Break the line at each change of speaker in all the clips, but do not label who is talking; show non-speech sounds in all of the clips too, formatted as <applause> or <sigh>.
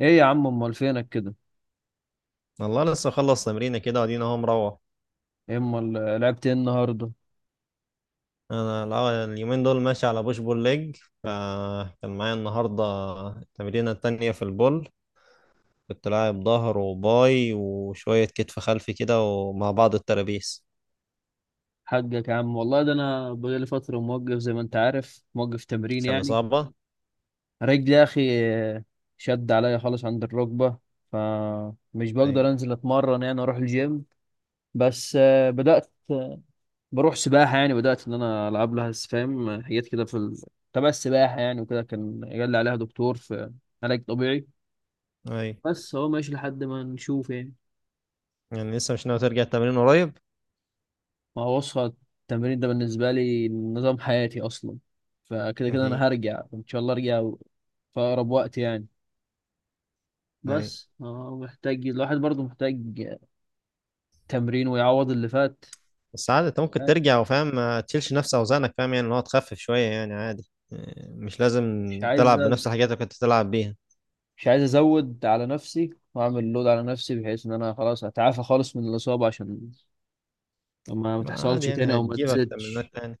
ايه يا عم امال فينك كده؟
والله لسه خلص تمرينة كده وادينا اهو مروح.
إيه امال؟ لعبت ايه النهارده؟
اليومين دول ماشي على بوش بول ليج، فكان معايا النهاردة التمرينة التانية في البول. كنت لاعب ظهر وباي وشوية كتف خلفي كده ومع بعض الترابيس.
حقك يا عم والله، ده انا بقالي فتره موقف، زي ما انت عارف، موقف تمرين
سلة
يعني.
صعبة.
رجلي يا اخي شد عليا خالص عند الركبه، فمش
اي،
بقدر انزل اتمرن يعني اروح الجيم. بس بدات بروح سباحه، يعني بدات ان انا العب لها فاهم، حاجات كده في تبع السباحه يعني، وكده كان قال لي عليها دكتور في علاج طبيعي.
اي.
بس هو ماشي لحد ما نشوف يعني.
يعني لسه مش ناوي ترجع التمرين قريب؟
ما هو بص، التمرين ده بالنسبة لي نظام حياتي أصلا، فكده
اكيد.
أنا هرجع، إن شاء الله أرجع في أقرب وقت يعني.
اي.
بس محتاج، الواحد برضه محتاج تمرين ويعوض اللي فات.
بس عادي انت ممكن
يعني
ترجع وفاهم ما تشيلش نفس اوزانك، فاهم، يعني ان هو تخفف شوية يعني عادي، إيه، مش لازم
مش عايز
تلعب
أز-
بنفس الحاجات اللي كنت تلعب بيها.
مش عايز أزود على نفسي وأعمل لود على نفسي، بحيث إن أنا خلاص أتعافى خالص من الإصابة، عشان ما
ما عادي
تحصلش تاني
يعني
أو ما
هتجيبك
تزيدش.
تمرينات تاني.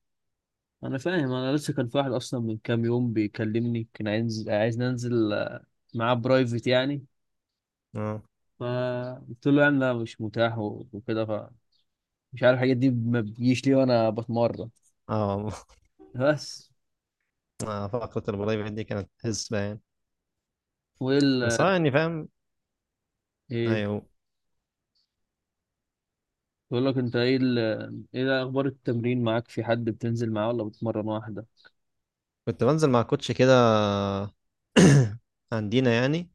أنا فاهم، أنا لسه كان في واحد أصلا من كام يوم بيكلمني كان عايز ننزل معاه برايفت يعني،
اه،
فقلت له يعني لا مش متاح وكده، فمش عارف الحاجات دي ما بتجيش ليه وانا بتمرن.
اه. <laughs>
بس
فقرة البلاي بيت دي كانت حسبة يعني.
وايه
بس
ال
يعني فاهم.
ايه؟
ايوه.
بقول لك انت، ايه ال... ايه ده اخبار التمرين معاك؟ في حد بتنزل معاه ولا بتمرن واحده؟
كنت بنزل مع كوتش كده. <clears throat> عندنا يعني.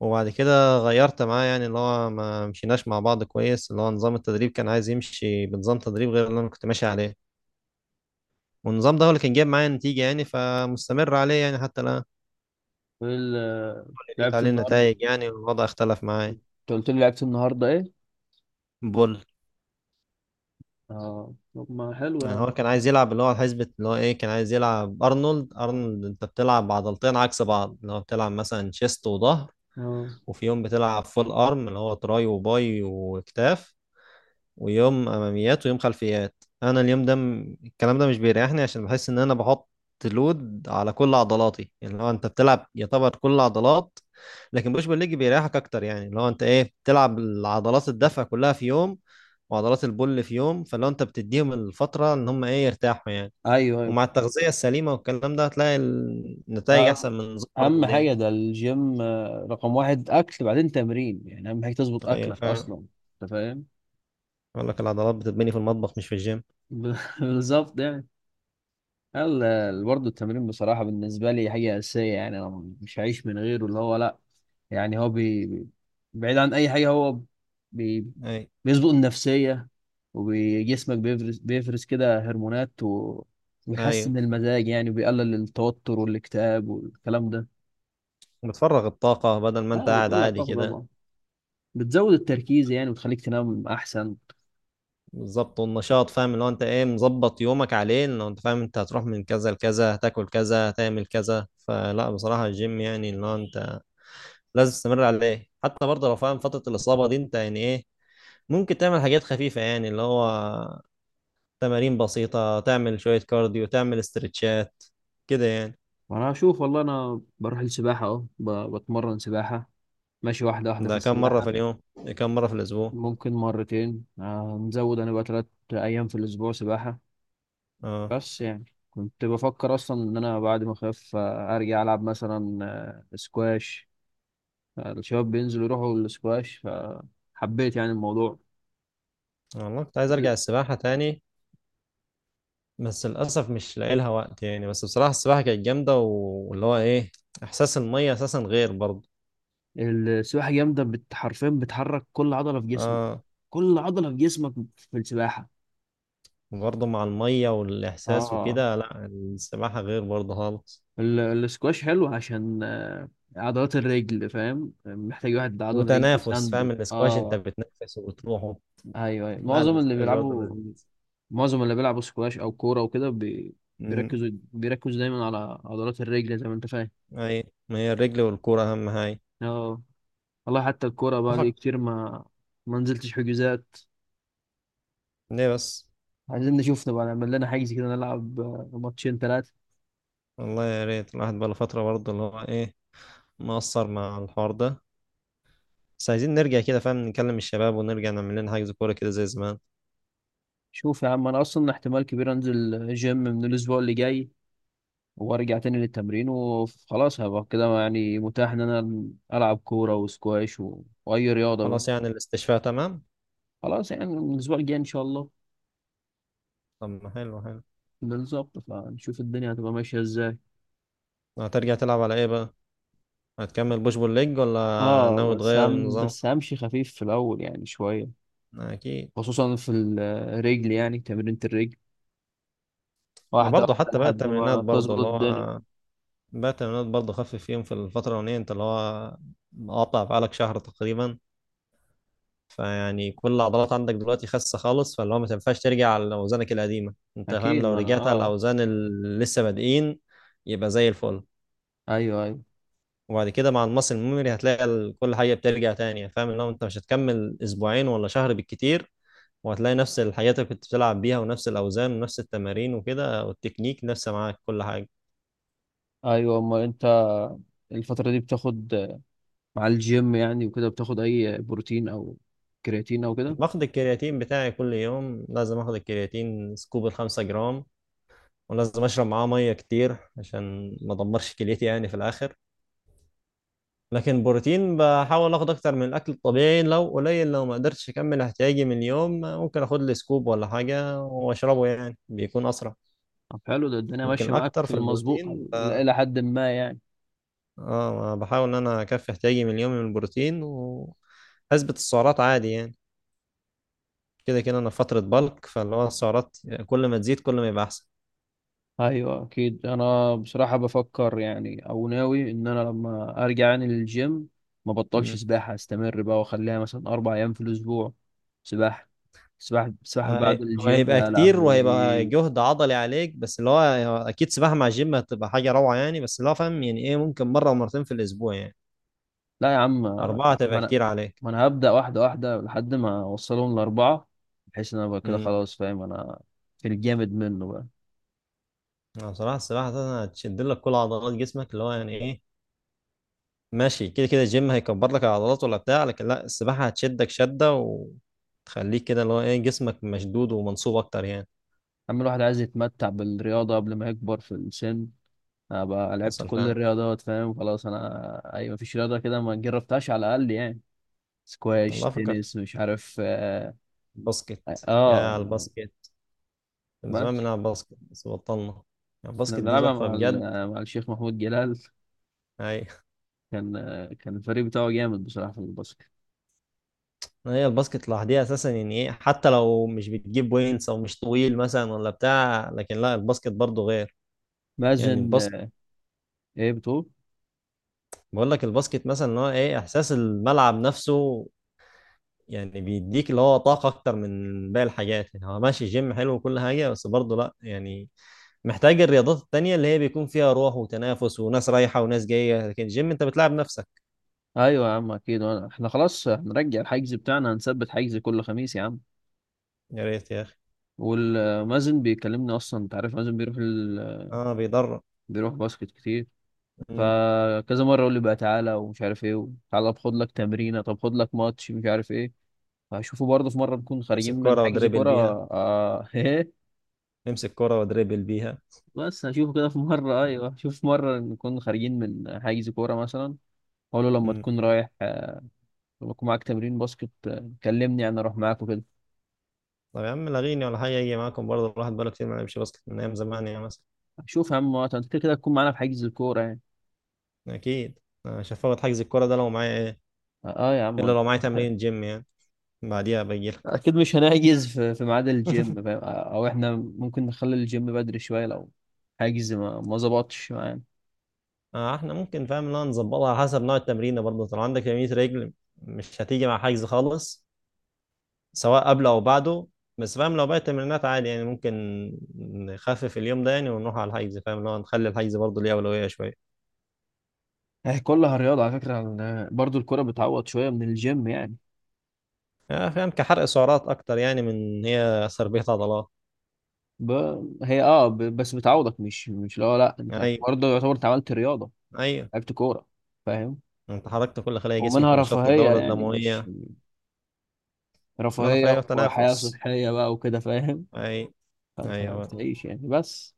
وبعد كده غيرت معاه، يعني اللي هو ما مشيناش مع بعض كويس، اللي هو نظام التدريب كان عايز يمشي بنظام تدريب غير اللي انا كنت ماشي عليه. والنظام ده هو اللي كان جايب معايا نتيجة يعني، فمستمر عليه يعني حتى الآن.
وايه ال
لقيت
لعبت
عليه
النهارده؟
النتائج يعني، والوضع اختلف معايا.
انت قلت لي لعبت النهارده ايه؟
بول.
اه طب ما حلو
يعني هو
يعني.
كان عايز يلعب اللي هو حسبة، اللي هو ايه، كان عايز يلعب ارنولد. ارنولد انت بتلعب عضلتين عكس بعض، اللي هو بتلعب مثلا شيست وظهر،
اه،
وفي يوم بتلعب فول ارم اللي هو تراي وباي وكتاف، ويوم اماميات ويوم خلفيات. انا اليوم ده الكلام ده مش بيريحني، عشان بحس ان انا بحط لود على كل عضلاتي، يعني لو انت بتلعب يعتبر كل عضلات. لكن بوش بول ليج بيريحك اكتر، يعني لو انت ايه بتلعب العضلات الدفع كلها في يوم، وعضلات البول في يوم، فلو انت بتديهم الفترة ان هم ايه يرتاحوا يعني.
ايوه ايوه.
ومع التغذية السليمة والكلام ده هتلاقي النتائج
ما-
أحسن من نظام
اهم
برضه دي.
حاجه، ده الجيم رقم واحد اكل، بعدين تمرين. يعني اهم حاجه تظبط
أيوة،
اكلك
فعلا.
اصلا، انت فاهم.
يقول لك العضلات بتتبني في المطبخ مش في الجيم.
<laughs> بالظبط يعني. يلا، برضه التمرين بصراحة بالنسبة لي حاجة أساسية، يعني أنا مش هعيش من غيره، اللي هو لأ. يعني هو بعيد عن أي حاجة، هو بي
أيوة.
بيظبط النفسية، وجسمك بيفرز كده هرمونات و...
أيوة،
ويحسن المزاج، يعني بيقلل التوتر والاكتئاب والكلام ده.
وبتفرغ الطاقة بدل ما أنت
اه،
قاعد
بتطلع
عادي
الطاقة
كده.
طبعا، بتزود التركيز يعني، وتخليك تنام أحسن.
بالظبط، والنشاط فاهم، اللي هو أنت إيه مظبط يومك عليه، لو أنت فاهم أنت هتروح من كذا لكذا هتاكل كذا هتعمل كذا. فلا بصراحة الجيم يعني اللي هو أنت لازم تستمر عليه، حتى برضه لو فاهم فترة الإصابة دي، أنت يعني إيه ممكن تعمل حاجات خفيفة، يعني اللي هو تمارين بسيطة، تعمل شوية كارديو، تعمل استرتشات كده يعني.
وأنا أشوف، والله أنا بروح السباحة أهو، ب... بتمرن سباحة، ماشي واحدة واحدة في
ده كم مرة
السباحة.
في اليوم؟ ده كم مرة في الأسبوع؟
ممكن مرتين، نزود انا بقى تلات ايام في الاسبوع سباحة.
اه.
بس يعني كنت بفكر اصلا ان انا بعد ما اخف ارجع العب مثلا سكواش. الشباب بينزلوا يروحوا السكواش، فحبيت يعني الموضوع.
والله كنت عايز أرجع
ال-
السباحة تاني، بس للأسف مش لاقي لها وقت يعني. بس بصراحة السباحة كانت جامدة، واللي هو إيه، إحساس المية أساسا غير برضه.
السباحة جامدة، حرفيا بتحرك كل عضلة في جسمك،
اه.
كل عضلة في جسمك في السباحة.
برضه مع المية والإحساس
اه.
وكده، لا السباحة غير برضه خالص.
ال- السكواش حلو عشان عضلات الرجل، فاهم، محتاج واحد عضلة رجل
وتنافس،
وسنده.
فاهم الاسكواش انت
اه،
بتنفس وبتروحه.
ايوه ايوه.
لا
معظم اللي
الاسكواش برضه
بيلعبوا،
لذيذ.
معظم اللي بيلعبوا سكواش او كوره وكده
امم.
بيركزوا دايما على عضلات الرجل، زي ما انت فاهم.
اي، ما هي الرجل والكورة أهم حاجة.
اه. والله حتى الكوره بقى لي كتير ما نزلتش حجوزات.
ليه بس؟
عايزين نشوف نبقى نعمل لنا حجز كده، نلعب ماتشين ثلاثه.
والله يا ريت، الواحد بقاله فترة برضه اللي هو ايه مقصر مع الحوار ده. بس عايزين نرجع كده فاهم نكلم الشباب ونرجع نعمل لنا حجز كورة كده زي زمان.
شوف يا عم، انا اصلا احتمال كبير انزل جيم من الاسبوع اللي جاي، وارجع تاني للتمرين، وخلاص هبقى كده يعني متاح ان انا العب كوره وسكواش و... واي رياضه بقى.
خلاص يعني الاستشفاء تمام.
خلاص يعني من الاسبوع الجاي ان شاء الله.
طب، ما حلو، حلو.
بالظبط، فنشوف الدنيا هتبقى ماشيه ازاي.
هترجع تلعب على ايه بقى؟ هتكمل بوش بول ليج ولا
اه،
ناوي
بس
تغير
هم
النظام؟
بس همشي خفيف في الاول يعني شويه،
اكيد.
خصوصا في الرجل يعني تمرينة الرجل،
ما
واحده
برضه
واحده
حتى بقى
لحد
التمرينات
ما
برضه
تظبط
اللي هو،
الدنيا.
بقى التمرينات برضه خفف فيهم في الفترة الأولانية انت اللي هو مقاطع بقالك شهر تقريبا. فيعني كل العضلات عندك دلوقتي خاسة خالص، فاللي هو ما تنفعش ترجع على أوزانك القديمة، أنت فاهم
اكيد،
لو
ما انا
رجعت على
اه،
الأوزان اللي لسه بادئين يبقى زي الفل.
ايوه ايوه.
وبعد كده مع المصل الميموري هتلاقي كل حاجة بترجع تاني، فاهم اللي هو أنت مش هتكمل أسبوعين ولا شهر بالكتير. وهتلاقي نفس الحاجات اللي كنت بتلعب بيها ونفس الأوزان ونفس التمارين وكده، والتكنيك نفسه معاك كل حاجة.
ايوه، اما انت الفتره دي بتاخد مع الجيم يعني وكده، بتاخد اي بروتين او كرياتين او كده؟
باخد الكرياتين بتاعي كل يوم، لازم اخد الكرياتين سكوب 5 جرام. ولازم اشرب معاه مية كتير عشان ما ادمرش كليتي يعني في الآخر. لكن بروتين بحاول اخد اكتر من الاكل الطبيعي، لو قليل لو ما قدرتش اكمل احتياجي من اليوم ممكن اخد لي سكوب ولا حاجه واشربه يعني بيكون اسرع.
طب حلو، ده الدنيا
لكن
ماشيه معاك
الاكتر
في
في
المظبوط،
البروتين.
الى حد ما يعني.
اه، بحاول ان انا اكفي احتياجي من اليوم من البروتين واثبت السعرات عادي يعني. كده كده انا في فتره بالك، فاللي هو السعرات كل ما تزيد كل ما يبقى احسن.
ايوه، اكيد. انا بصراحه بفكر يعني، او ناوي ان انا لما ارجع يعني للجيم ما بطلش
مم.
سباحه، استمر بقى واخليها مثلا اربع ايام في الاسبوع سباحه. سباحه سباحه بعد
هو
الجيم،
هيبقى
يا
كتير وهيبقى
لهوي!
جهد عضلي عليك، بس اللي هو اكيد سباحه مع الجيم هتبقى حاجه روعه يعني، بس اللي هو فاهم يعني ايه ممكن مره ومرتين في الاسبوع يعني.
لا يا عم انا،
أربعة
ما
تبقى
انا
كتير عليك.
ما انا هبدا واحده واحده لحد ما اوصلهم لاربعه، بحيث ان انا بقى كده
امم.
خلاص، فاهم انا، في الجامد منه بقى.
أنا بصراحة السباحة أساسا هتشد لك كل عضلات جسمك، اللي هو يعني إيه ماشي كده كده الجيم هيكبر لك العضلات ولا بتاع، لكن لا السباحة هتشدك شدة وتخليك كده اللي هو إيه جسمك مشدود ومنصوب أكتر يعني.
اما الواحد عايز يتمتع بالرياضه قبل ما يكبر في السن، ابقى لعبت
حصل
كل
فعلا.
الرياضات، فاهم خلاص، انا اي مفيش رياضه كده ما جربتهاش على الاقل يعني. سكواش،
والله فكرت
تنس، مش عارف اه,
الباسكت، يا
آه.
على الباسكت. من زمان
بس
بنلعب باسكت بس بطلنا. يعني
انا
الباسكت دي
بلعبها
تحفة
مع
بجد.
مع الشيخ محمود جلال،
أي.
كان، كان الفريق بتاعه جامد بصراحه في الباسكت.
هي الباسكت لوحدها أساسا يعني إيه، حتى لو مش بتجيب وينس أو مش طويل مثلا ولا بتاع، لكن لا الباسكت برضه غير. يعني
مازن
الباسكت،
ايه بتقول؟
بقول لك الباسكت مثلا ان هو ايه احساس الملعب نفسه، يعني بيديك اللي هو طاقه اكتر من باقي الحاجات. يعني هو ماشي جيم حلو وكل حاجه، بس برضه لا يعني محتاج الرياضات التانية اللي هي بيكون فيها روح وتنافس وناس رايحه وناس جايه، لكن الجيم انت بتلعب نفسك.
ايوه يا عم اكيد، احنا خلاص هنرجع الحجز بتاعنا، هنثبت حجز كل خميس يا عم.
يا ريت يا اخي.
والمازن بيكلمني اصلا، انت عارف، مازن بيروح ال...
اه، بيضر.
بيروح باسكت كتير،
مم.
فكذا مره يقول لي بقى تعالى ومش عارف ايه، تعالى خد لك تمرينه، طب خد لك ماتش، مش عارف ايه. فهشوفه برضه في مره نكون خارجين
امسك
من
كرة
حجز
ودريبل
كوره.
بيها.
آه <laughs> ايه.
امسك كرة ودريبل بيها.
بس هشوفه كده في مره، ايوه هشوف في مره نكون خارجين من حجز كوره مثلا، اقول له لما
مم.
تكون رايح آه، لما يكون معاك تمرين باسكت كلمني انا اروح معاك وكده.
طب يا عم لغيني ولا حاجه يجي معاكم برضه الواحد بقاله كتير ما لعبش باسكت من ايام زمان يعني مثلا.
شوف يا عم، وقت انت كده كده تكون معانا في حجز الكوره يعني.
اكيد. أنا مش هفوت حجز الكرة ده لو معايا ايه،
اه، آه يا
الا
عم،
لو معايا تمرين جيم يعني. بعديها بجيلك.
اكيد مش هنحجز في ميعاد الجيم،
<laughs>
فاهم؟ او احنا ممكن نخلي الجيم بدري شويه لو حاجز ما ظبطش معانا.
احنا ممكن فاهم ان انا نظبطها على حسب نوع التمرين، برضه طالما عندك تمرين رجل مش هتيجي مع حجز خالص سواء قبله او بعده. بس فاهم لو باقي التمرينات عادي يعني ممكن نخفف اليوم ده يعني ونروح على الحجز، فاهم لو نخلي الحجز برضه ليه اولويه شويه.
هي كلها رياضه على فكره، برضو الكره بتعوض شويه من الجيم يعني.
فاهم كحرق سعرات اكتر يعني من هي تربيه عضلات.
ب... هي اه ب... بس بتعوضك، مش مش لا لا انت
ايوه،
برضه يعتبر انت عملت رياضه،
ايوه.
لعبت كوره، فاهم.
انت حركت كل خلايا جسمك
ومنها
ونشطت
رفاهيه،
الدوره
يعني مش
الدمويه. ونرفع،
رفاهيه،
ايوه،
وحياه
التنافس.
صحيه بقى وكده فاهم.
اي.
فانت
ايوه.
بتعيش يعني. بس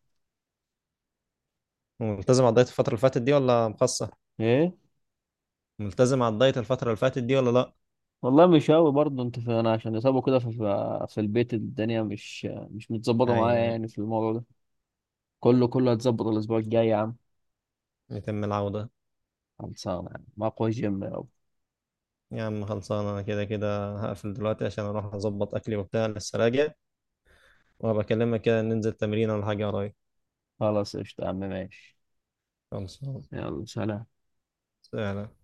ملتزم على الدايت الفتره اللي فاتت دي ولا مخصص؟
ايه؟
ملتزم على الدايت الفترة اللي فاتت دي ولا لأ؟
والله مش قوي، برضه انت في انا عشان اصابه كده في البيت، الدنيا مش، مش متظبطه معايا
يعني
يعني في الموضوع ده. كله هتظبط الاسبوع الجاي يا عم،
يتم العودة.
خلصانه يا عم، اقوى جيم يا رب.
يا عم خلصانة، أنا كده كده هقفل دلوقتي عشان أروح أظبط أكلي وبتاع لسه راجع. وهبقى أكلمك كده ننزل تمرين ولا حاجة قريب.
خلاص قشطه يا عم، ماشي.
خلصانة.
يلا سلام.
سلام.